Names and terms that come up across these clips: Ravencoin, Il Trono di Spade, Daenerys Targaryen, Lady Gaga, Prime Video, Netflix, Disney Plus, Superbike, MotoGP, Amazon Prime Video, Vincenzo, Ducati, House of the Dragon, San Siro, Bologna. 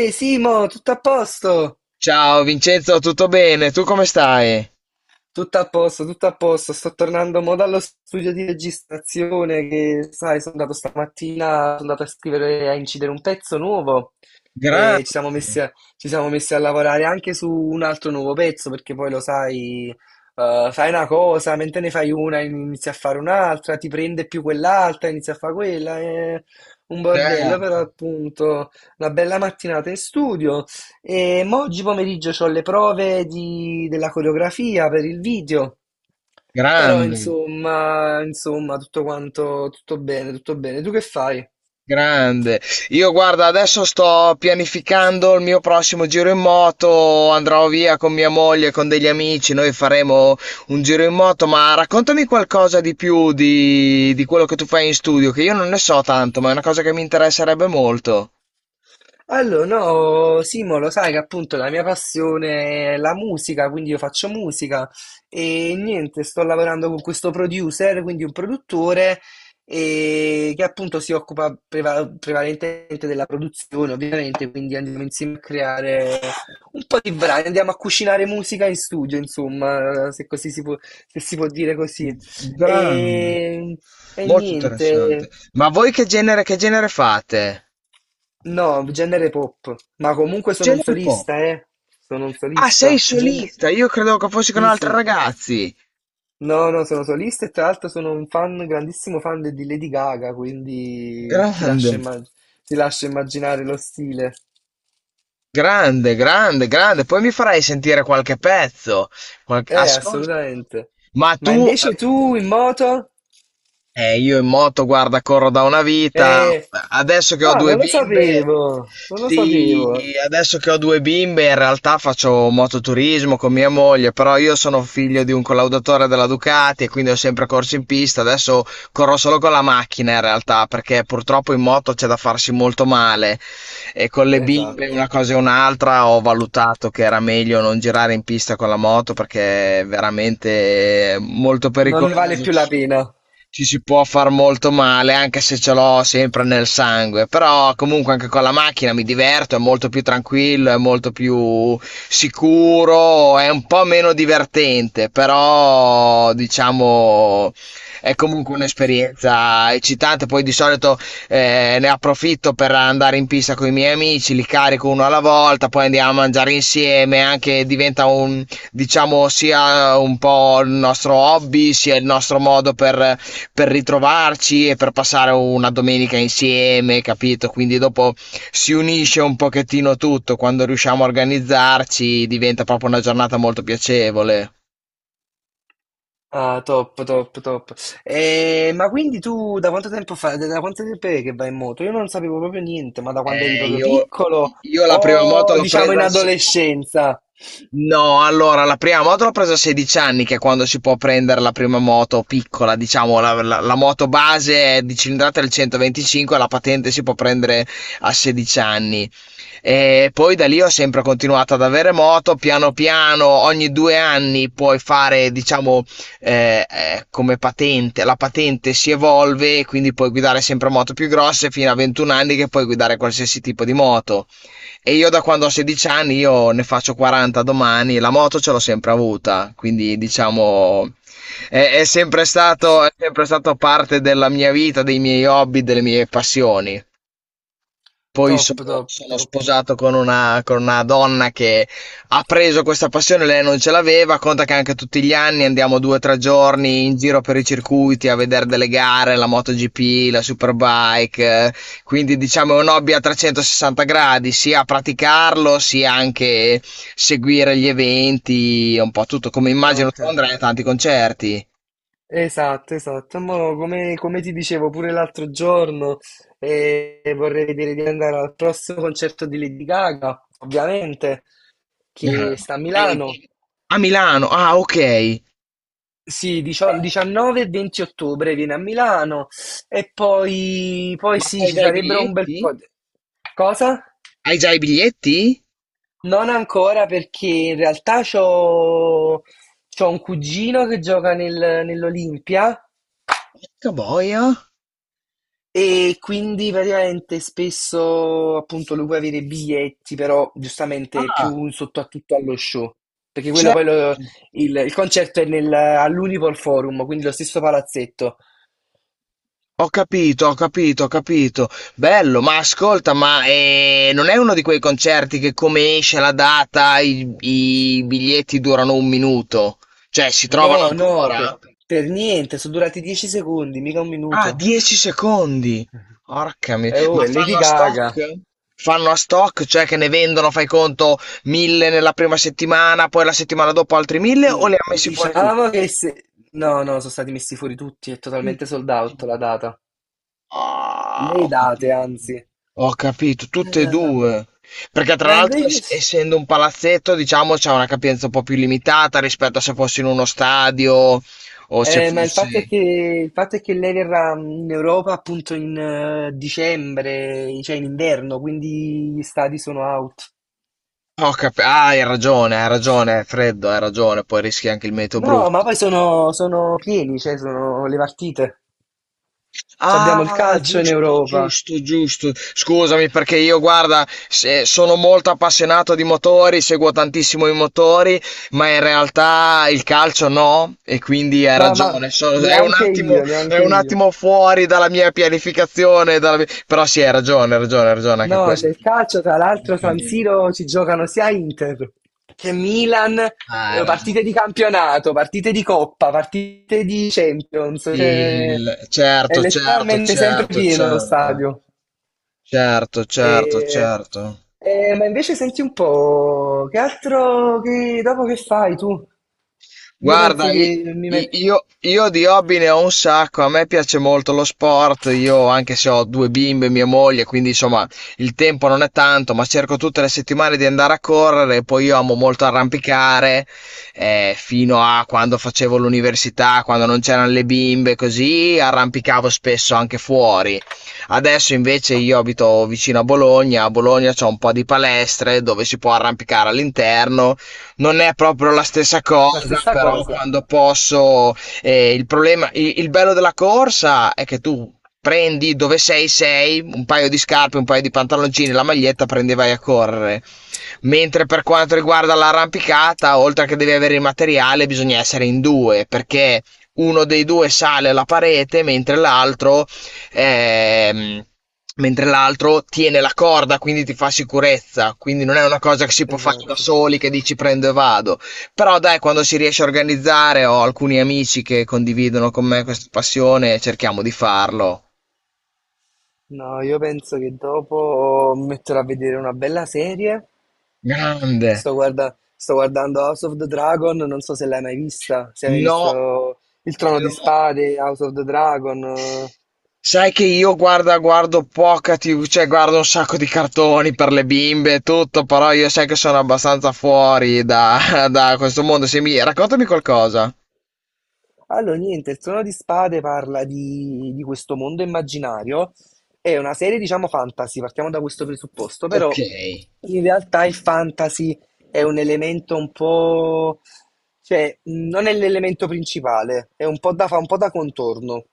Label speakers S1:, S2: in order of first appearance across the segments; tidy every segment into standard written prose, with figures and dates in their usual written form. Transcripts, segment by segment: S1: Ehi Simo, tutto a posto?
S2: Ciao Vincenzo, tutto bene? Tu come stai?
S1: Tutto a posto, tutto a posto. Sto tornando mo dallo studio di registrazione che, sai, sono andato stamattina, sono andato a scrivere, a incidere un pezzo nuovo e
S2: Grande,
S1: ci siamo messi a lavorare anche su un altro nuovo pezzo perché poi lo sai, fai una cosa, mentre ne fai una inizi a fare un'altra, ti prende più quell'altra, inizi a fare quella, è un bordello,
S2: certo,
S1: però appunto una bella mattinata in studio. E mo oggi pomeriggio ho le prove della coreografia per il video, però
S2: grande,
S1: insomma, tutto quanto, tutto bene, tutto bene. Tu che fai?
S2: grande. Io guarda, adesso sto pianificando il mio prossimo giro in moto, andrò via con mia moglie, con degli amici, noi faremo un giro in moto, ma raccontami qualcosa di più di quello che tu fai in studio, che io non ne so tanto, ma è una cosa che mi interesserebbe molto.
S1: Allora, no, Simo, lo sai che appunto la mia passione è la musica, quindi io faccio musica e niente, sto lavorando con questo producer, quindi un produttore e che appunto si occupa prevalentemente della produzione, ovviamente, quindi andiamo insieme a creare un po' di brani, andiamo a cucinare musica in studio, insomma, se si può dire così.
S2: Grande,
S1: E, e
S2: molto interessante.
S1: niente.
S2: Ma voi che genere fate?
S1: No, genere pop, ma comunque sono un
S2: Genere pop.
S1: solista, eh. Sono un
S2: Ah, sei
S1: solista. Gen-
S2: solista? Io credevo che fossi con
S1: Sì,
S2: altri
S1: sì.
S2: ragazzi.
S1: No, no, sono solista e tra l'altro sono un fan, grandissimo fan di Lady Gaga, quindi ti
S2: Grande,
S1: lascio, ti lascio immaginare lo stile.
S2: grande, grande, grande. Poi mi farai sentire qualche pezzo. Qualche. Ascolta.
S1: Assolutamente.
S2: Ma
S1: Ma
S2: tu.
S1: invece tu in moto?
S2: Io in moto, guarda, corro da una vita.
S1: Eh,
S2: Adesso che ho
S1: ah,
S2: due
S1: non lo
S2: bimbe,
S1: sapevo, non lo
S2: sì,
S1: sapevo.
S2: adesso che ho due bimbe, in realtà faccio mototurismo con mia moglie, però io sono figlio di un collaudatore della Ducati e quindi ho sempre corso in pista. Adesso corro solo con la macchina in realtà, perché purtroppo in moto c'è da farsi molto male e con le bimbe
S1: Esatto.
S2: una cosa e un'altra ho valutato che era meglio non girare in pista con la moto perché è veramente molto
S1: Non ne vale
S2: pericoloso,
S1: più la pena.
S2: ci si può far molto male, anche se ce l'ho sempre nel sangue, però comunque anche con la macchina mi diverto, è molto più tranquillo, è molto più sicuro, è un po' meno divertente, però diciamo è comunque un'esperienza eccitante, poi di solito ne approfitto per andare in pista con i miei amici, li carico uno alla volta, poi andiamo a mangiare insieme, anche diventa un, diciamo, sia un po' il nostro hobby, sia il nostro modo per ritrovarci e per passare una domenica insieme, capito? Quindi dopo si unisce un pochettino tutto, quando riusciamo a organizzarci diventa proprio una giornata molto piacevole.
S1: Ah, top, top, top. Ma quindi tu da quanto tempo è che vai in moto? Io non sapevo proprio niente, ma da quando eri
S2: Eh,
S1: proprio
S2: io,
S1: piccolo
S2: io la prima moto
S1: o
S2: l'ho
S1: diciamo
S2: presa
S1: in
S2: al, se-
S1: adolescenza?
S2: No, allora la prima moto l'ho presa a 16 anni, che è quando si può prendere la prima moto piccola, diciamo, la moto base è di cilindrata del 125, la patente si può prendere a 16 anni. E poi da lì ho sempre continuato ad avere moto, piano piano, ogni 2 anni puoi fare, diciamo, come patente, la patente si evolve, quindi puoi guidare sempre moto più grosse fino a 21 anni che puoi guidare qualsiasi tipo di moto. E io da quando ho 16 anni, io ne faccio 40 domani, la moto ce l'ho sempre avuta, quindi diciamo è sempre stato parte della mia vita, dei miei hobby, delle mie passioni. Poi
S1: Top,
S2: sono
S1: top,
S2: sono
S1: top.
S2: sposato con una donna che ha preso questa passione, lei non ce l'aveva, conta che anche tutti gli anni andiamo 2 o 3 giorni in giro per i circuiti a vedere delle gare, la MotoGP, la Superbike, quindi diciamo è un hobby a 360 gradi, sia praticarlo, sia anche seguire gli eventi, un po' tutto, come immagino
S1: Ok,
S2: tu andrai a tanti concerti.
S1: esatto. Mo, come ti dicevo pure l'altro giorno, vorrei vedere di andare al prossimo concerto di Lady Gaga, ovviamente, che
S2: Grande.
S1: sta a Milano.
S2: A Milano, ah, ok,
S1: Sì, 19 e 20 ottobre viene a Milano e poi, poi
S2: ma
S1: sì,
S2: sai
S1: ci
S2: già i
S1: sarebbero un bel po'
S2: biglietti?
S1: di... Cosa?
S2: Hai già i biglietti?
S1: Non ancora perché in realtà c'ho un cugino che gioca nell'Olimpia
S2: Porca boia.
S1: e quindi praticamente spesso appunto lui può avere i biglietti, però giustamente è più
S2: Ah,
S1: un sottotitolo allo show, perché quello
S2: certo.
S1: poi lo- il concerto è nel- all'Unipol Forum, quindi lo stesso palazzetto.
S2: Ho capito, ho capito, ho capito. Bello, ma ascolta, ma non è uno di quei concerti che come esce la data i biglietti durano un minuto? Cioè, si
S1: No,
S2: trovano
S1: no,
S2: ancora?
S1: per niente, sono durati 10 secondi, mica un
S2: Ah,
S1: minuto.
S2: 10 secondi. Porca mi-.
S1: Oh,
S2: Ma
S1: è Lady
S2: fanno a
S1: Gaga.
S2: stock? Fanno a stock, cioè che ne vendono, fai conto, 1000 nella prima settimana, poi la settimana dopo altri 1000, o
S1: Mm,
S2: li ha messi fuori
S1: diciamo
S2: tutti?
S1: che se... No, no, sono stati messi fuori tutti, è
S2: Tutti.
S1: totalmente sold out la data.
S2: Ah,
S1: Le
S2: ho
S1: date,
S2: capito.
S1: anzi.
S2: Ho capito, tutte e
S1: Vabbè.
S2: due. Perché tra
S1: Ma
S2: l'altro,
S1: invece... s-
S2: essendo un palazzetto, diciamo, c'è una capienza un po' più limitata rispetto a se fossi in uno stadio o se
S1: ma
S2: fossi.
S1: il fatto è che lei verrà in Europa appunto in dicembre, cioè in inverno, quindi gli stadi sono out.
S2: Ah, hai ragione, è freddo, hai ragione, poi rischi anche il meteo
S1: No, ma
S2: brutto.
S1: poi sono pieni, cioè sono le partite. C'abbiamo il
S2: Ah,
S1: calcio in
S2: giusto,
S1: Europa.
S2: giusto, giusto. Scusami perché io, guarda, sono molto appassionato di motori, seguo tantissimo i motori, ma in realtà il calcio no, e quindi hai
S1: Ma
S2: ragione. Sono- è un
S1: neanche
S2: attimo,
S1: io,
S2: è
S1: neanche
S2: un
S1: io.
S2: attimo fuori dalla mia pianificazione, però sì, hai ragione, hai ragione, hai ragione anche
S1: No,
S2: quello.
S1: c'è il calcio, tra l'altro San
S2: Giustamente.
S1: Siro ci giocano sia Inter che Milan,
S2: Ah, hai
S1: partite di
S2: ragione.
S1: campionato, partite di coppa, partite di Champions,
S2: Sì,
S1: cioè, è
S2: certo, certo,
S1: letteralmente sempre
S2: certo,
S1: pieno lo
S2: certo,
S1: stadio.
S2: certo, certo,
S1: E-
S2: certo.
S1: ma invece senti un po', che altro, dopo che fai tu? Io
S2: Guarda,
S1: penso
S2: i-
S1: che mi
S2: i-
S1: metto
S2: io, io di hobby ne ho un sacco, a me piace molto lo sport, io anche se ho due bimbe e mia moglie, quindi insomma il tempo non è tanto, ma cerco tutte le settimane di andare a correre, poi io amo molto arrampicare, fino a quando facevo l'università, quando non c'erano le bimbe, così arrampicavo spesso anche fuori. Adesso invece io abito vicino a Bologna c'è un po' di palestre dove si può arrampicare all'interno, non è proprio la stessa
S1: la
S2: cosa,
S1: stessa
S2: però
S1: cosa.
S2: quando posso, il problema, il bello della corsa è che tu prendi dove sei, sei, un paio di scarpe, un paio di pantaloncini, la maglietta, prendi e vai a correre. Mentre per quanto riguarda l'arrampicata, oltre che devi avere il materiale, bisogna essere in due, perché uno dei due sale alla parete, ehm, mentre l'altro tiene la corda, quindi ti fa sicurezza, quindi non è una cosa che si può fare da
S1: Esatto.
S2: soli, che dici prendo e vado. Però dai, quando si riesce a organizzare, ho alcuni amici che condividono con me questa passione, cerchiamo di farlo.
S1: No, io penso che dopo mi metterò a vedere una bella serie.
S2: Grande.
S1: Sto guardando House of the Dragon, non so se l'hai mai vista, se hai mai
S2: No,
S1: visto Il Trono di
S2: no.
S1: Spade, House of the Dragon.
S2: Sai che io guarda, guardo poca TV, cioè guardo un sacco di cartoni per le bimbe e tutto, però io sai che sono abbastanza fuori da, da questo mondo. Se mi. Raccontami qualcosa.
S1: Allora, niente, il Trono di Spade parla di questo mondo immaginario, è una serie, diciamo, fantasy, partiamo da questo presupposto,
S2: Ok.
S1: però in realtà il fantasy è un elemento un po'... cioè, non è l'elemento principale, è un po' da, fa un po' da contorno.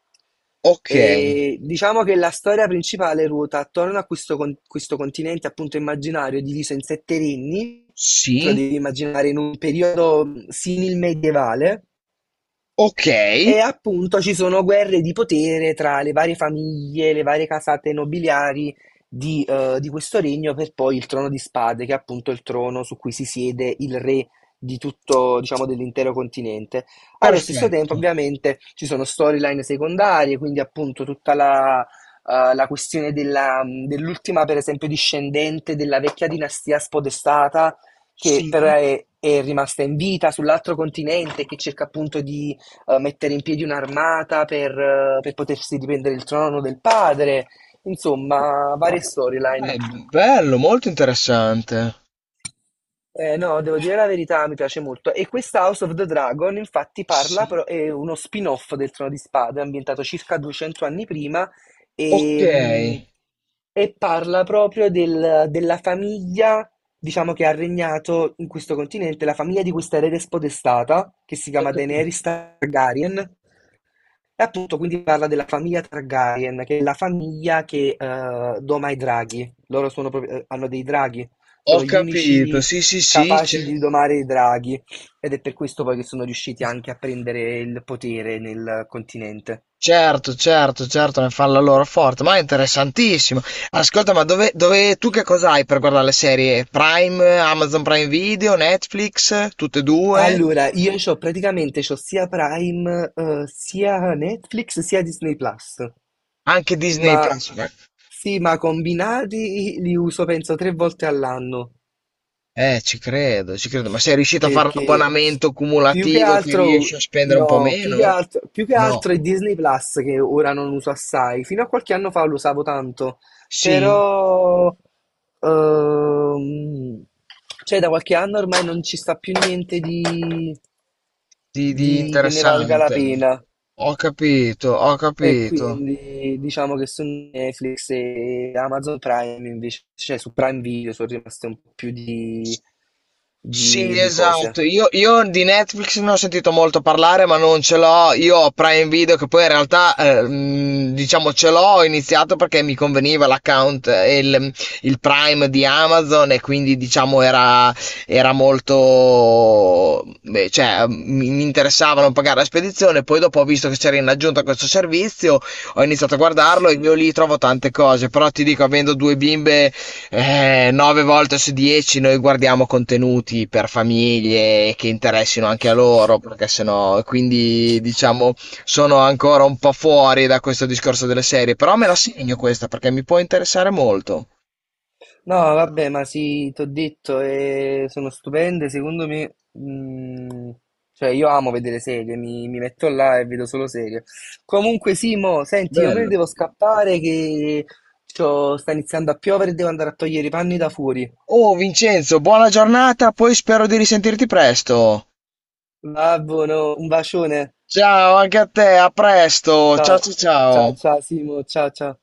S2: Ok,
S1: E diciamo che la storia principale ruota attorno a questo, questo continente appunto immaginario diviso in sette regni, te lo
S2: sì,
S1: devi immaginare in un periodo simil-medievale,
S2: ok,
S1: e appunto ci sono guerre di potere tra le varie famiglie, le varie casate nobiliari di questo regno per poi il trono di spade, che è appunto il trono su cui si siede il re di tutto, diciamo, dell'intero continente. Allo stesso tempo,
S2: perfetto.
S1: ovviamente, ci sono storyline secondarie, quindi appunto tutta la, la questione dell'ultima, per esempio, discendente della vecchia dinastia spodestata, che però
S2: Sì,
S1: è rimasta in vita sull'altro continente, che cerca appunto di mettere in piedi un'armata per per potersi riprendere il trono del padre, insomma, varie storyline.
S2: beh, bello, molto interessante.
S1: No, devo dire la verità, mi piace molto. E questa House of the Dragon, infatti, parla,
S2: Sì,
S1: però è uno spin-off del Trono di Spade, ambientato circa 200 anni prima,
S2: ok,
S1: e, mh, e parla proprio della famiglia, diciamo, che ha regnato in questo continente, la famiglia di questa erede spodestata, che si
S2: ho
S1: chiama
S2: capito.
S1: Daenerys Targaryen. Appunto, quindi parla della famiglia Targaryen, che è la famiglia che doma i draghi. Loro sono proprio- hanno dei draghi,
S2: Ho
S1: sono gli
S2: capito,
S1: unici
S2: sì, sì, sì,
S1: capaci di domare i draghi ed è per questo poi che sono riusciti anche a prendere il potere nel continente.
S2: certo, certo, certo, ne fanno la loro forte, ma è interessantissimo. Ascolta, ma dove, tu che cosa hai per guardare le serie? Prime, Amazon Prime Video, Netflix, tutte e due?
S1: Allora, io c'ho praticamente c'ho sia Prime, sia Netflix, sia Disney Plus.
S2: Anche Disney
S1: Ma
S2: Plus, ok?
S1: sì, ma combinati li uso penso 3 volte all'anno.
S2: Ci credo, ci credo. Ma sei riuscito a fare un
S1: Perché
S2: abbonamento cumulativo che riesci a spendere un po' meno?
S1: più che
S2: No.
S1: altro è Disney Plus che ora non uso assai. Fino a qualche anno fa lo usavo tanto,
S2: Sì,
S1: però ehm, cioè da qualche anno ormai non ci sta più niente di,
S2: di
S1: di che ne valga la
S2: interessante.
S1: pena.
S2: Ho capito, ho
S1: E
S2: capito.
S1: quindi diciamo che su Netflix e Amazon Prime invece, cioè su Prime Video sono rimaste un po' più di,
S2: Sì,
S1: di
S2: esatto.
S1: cose.
S2: Io di Netflix ne ho sentito molto parlare, ma non ce l'ho. Io ho Prime Video, che poi in realtà, diciamo, ce l'ho. Ho iniziato perché mi conveniva l'account, il Prime di Amazon, e quindi, diciamo, era molto. Beh, cioè, mi interessava non pagare la spedizione. Poi, dopo, ho visto che c'era in aggiunta questo servizio, ho iniziato a guardarlo e io lì trovo tante cose. Però ti dico, avendo due bimbe, 9 volte su 10 noi guardiamo contenuti per famiglie che interessino anche a loro, perché sennò, quindi diciamo sono ancora un po' fuori da questo discorso delle serie, però me la segno questa perché mi può interessare molto.
S1: No, vabbè, ma sì, ti ho detto, sono stupende, secondo me, cioè io amo vedere serie, mi metto là e vedo solo serie. Comunque Simo, senti, io me ne
S2: Bello.
S1: devo scappare che c'ho- sta iniziando a piovere e devo andare a togliere i panni da fuori.
S2: Oh Vincenzo, buona giornata, poi spero di risentirti presto.
S1: Va buono, un bacione.
S2: Ciao anche a te, a presto. Ciao,
S1: Ciao,
S2: ciao,
S1: ciao,
S2: ciao.
S1: ciao Simo, ciao, ciao.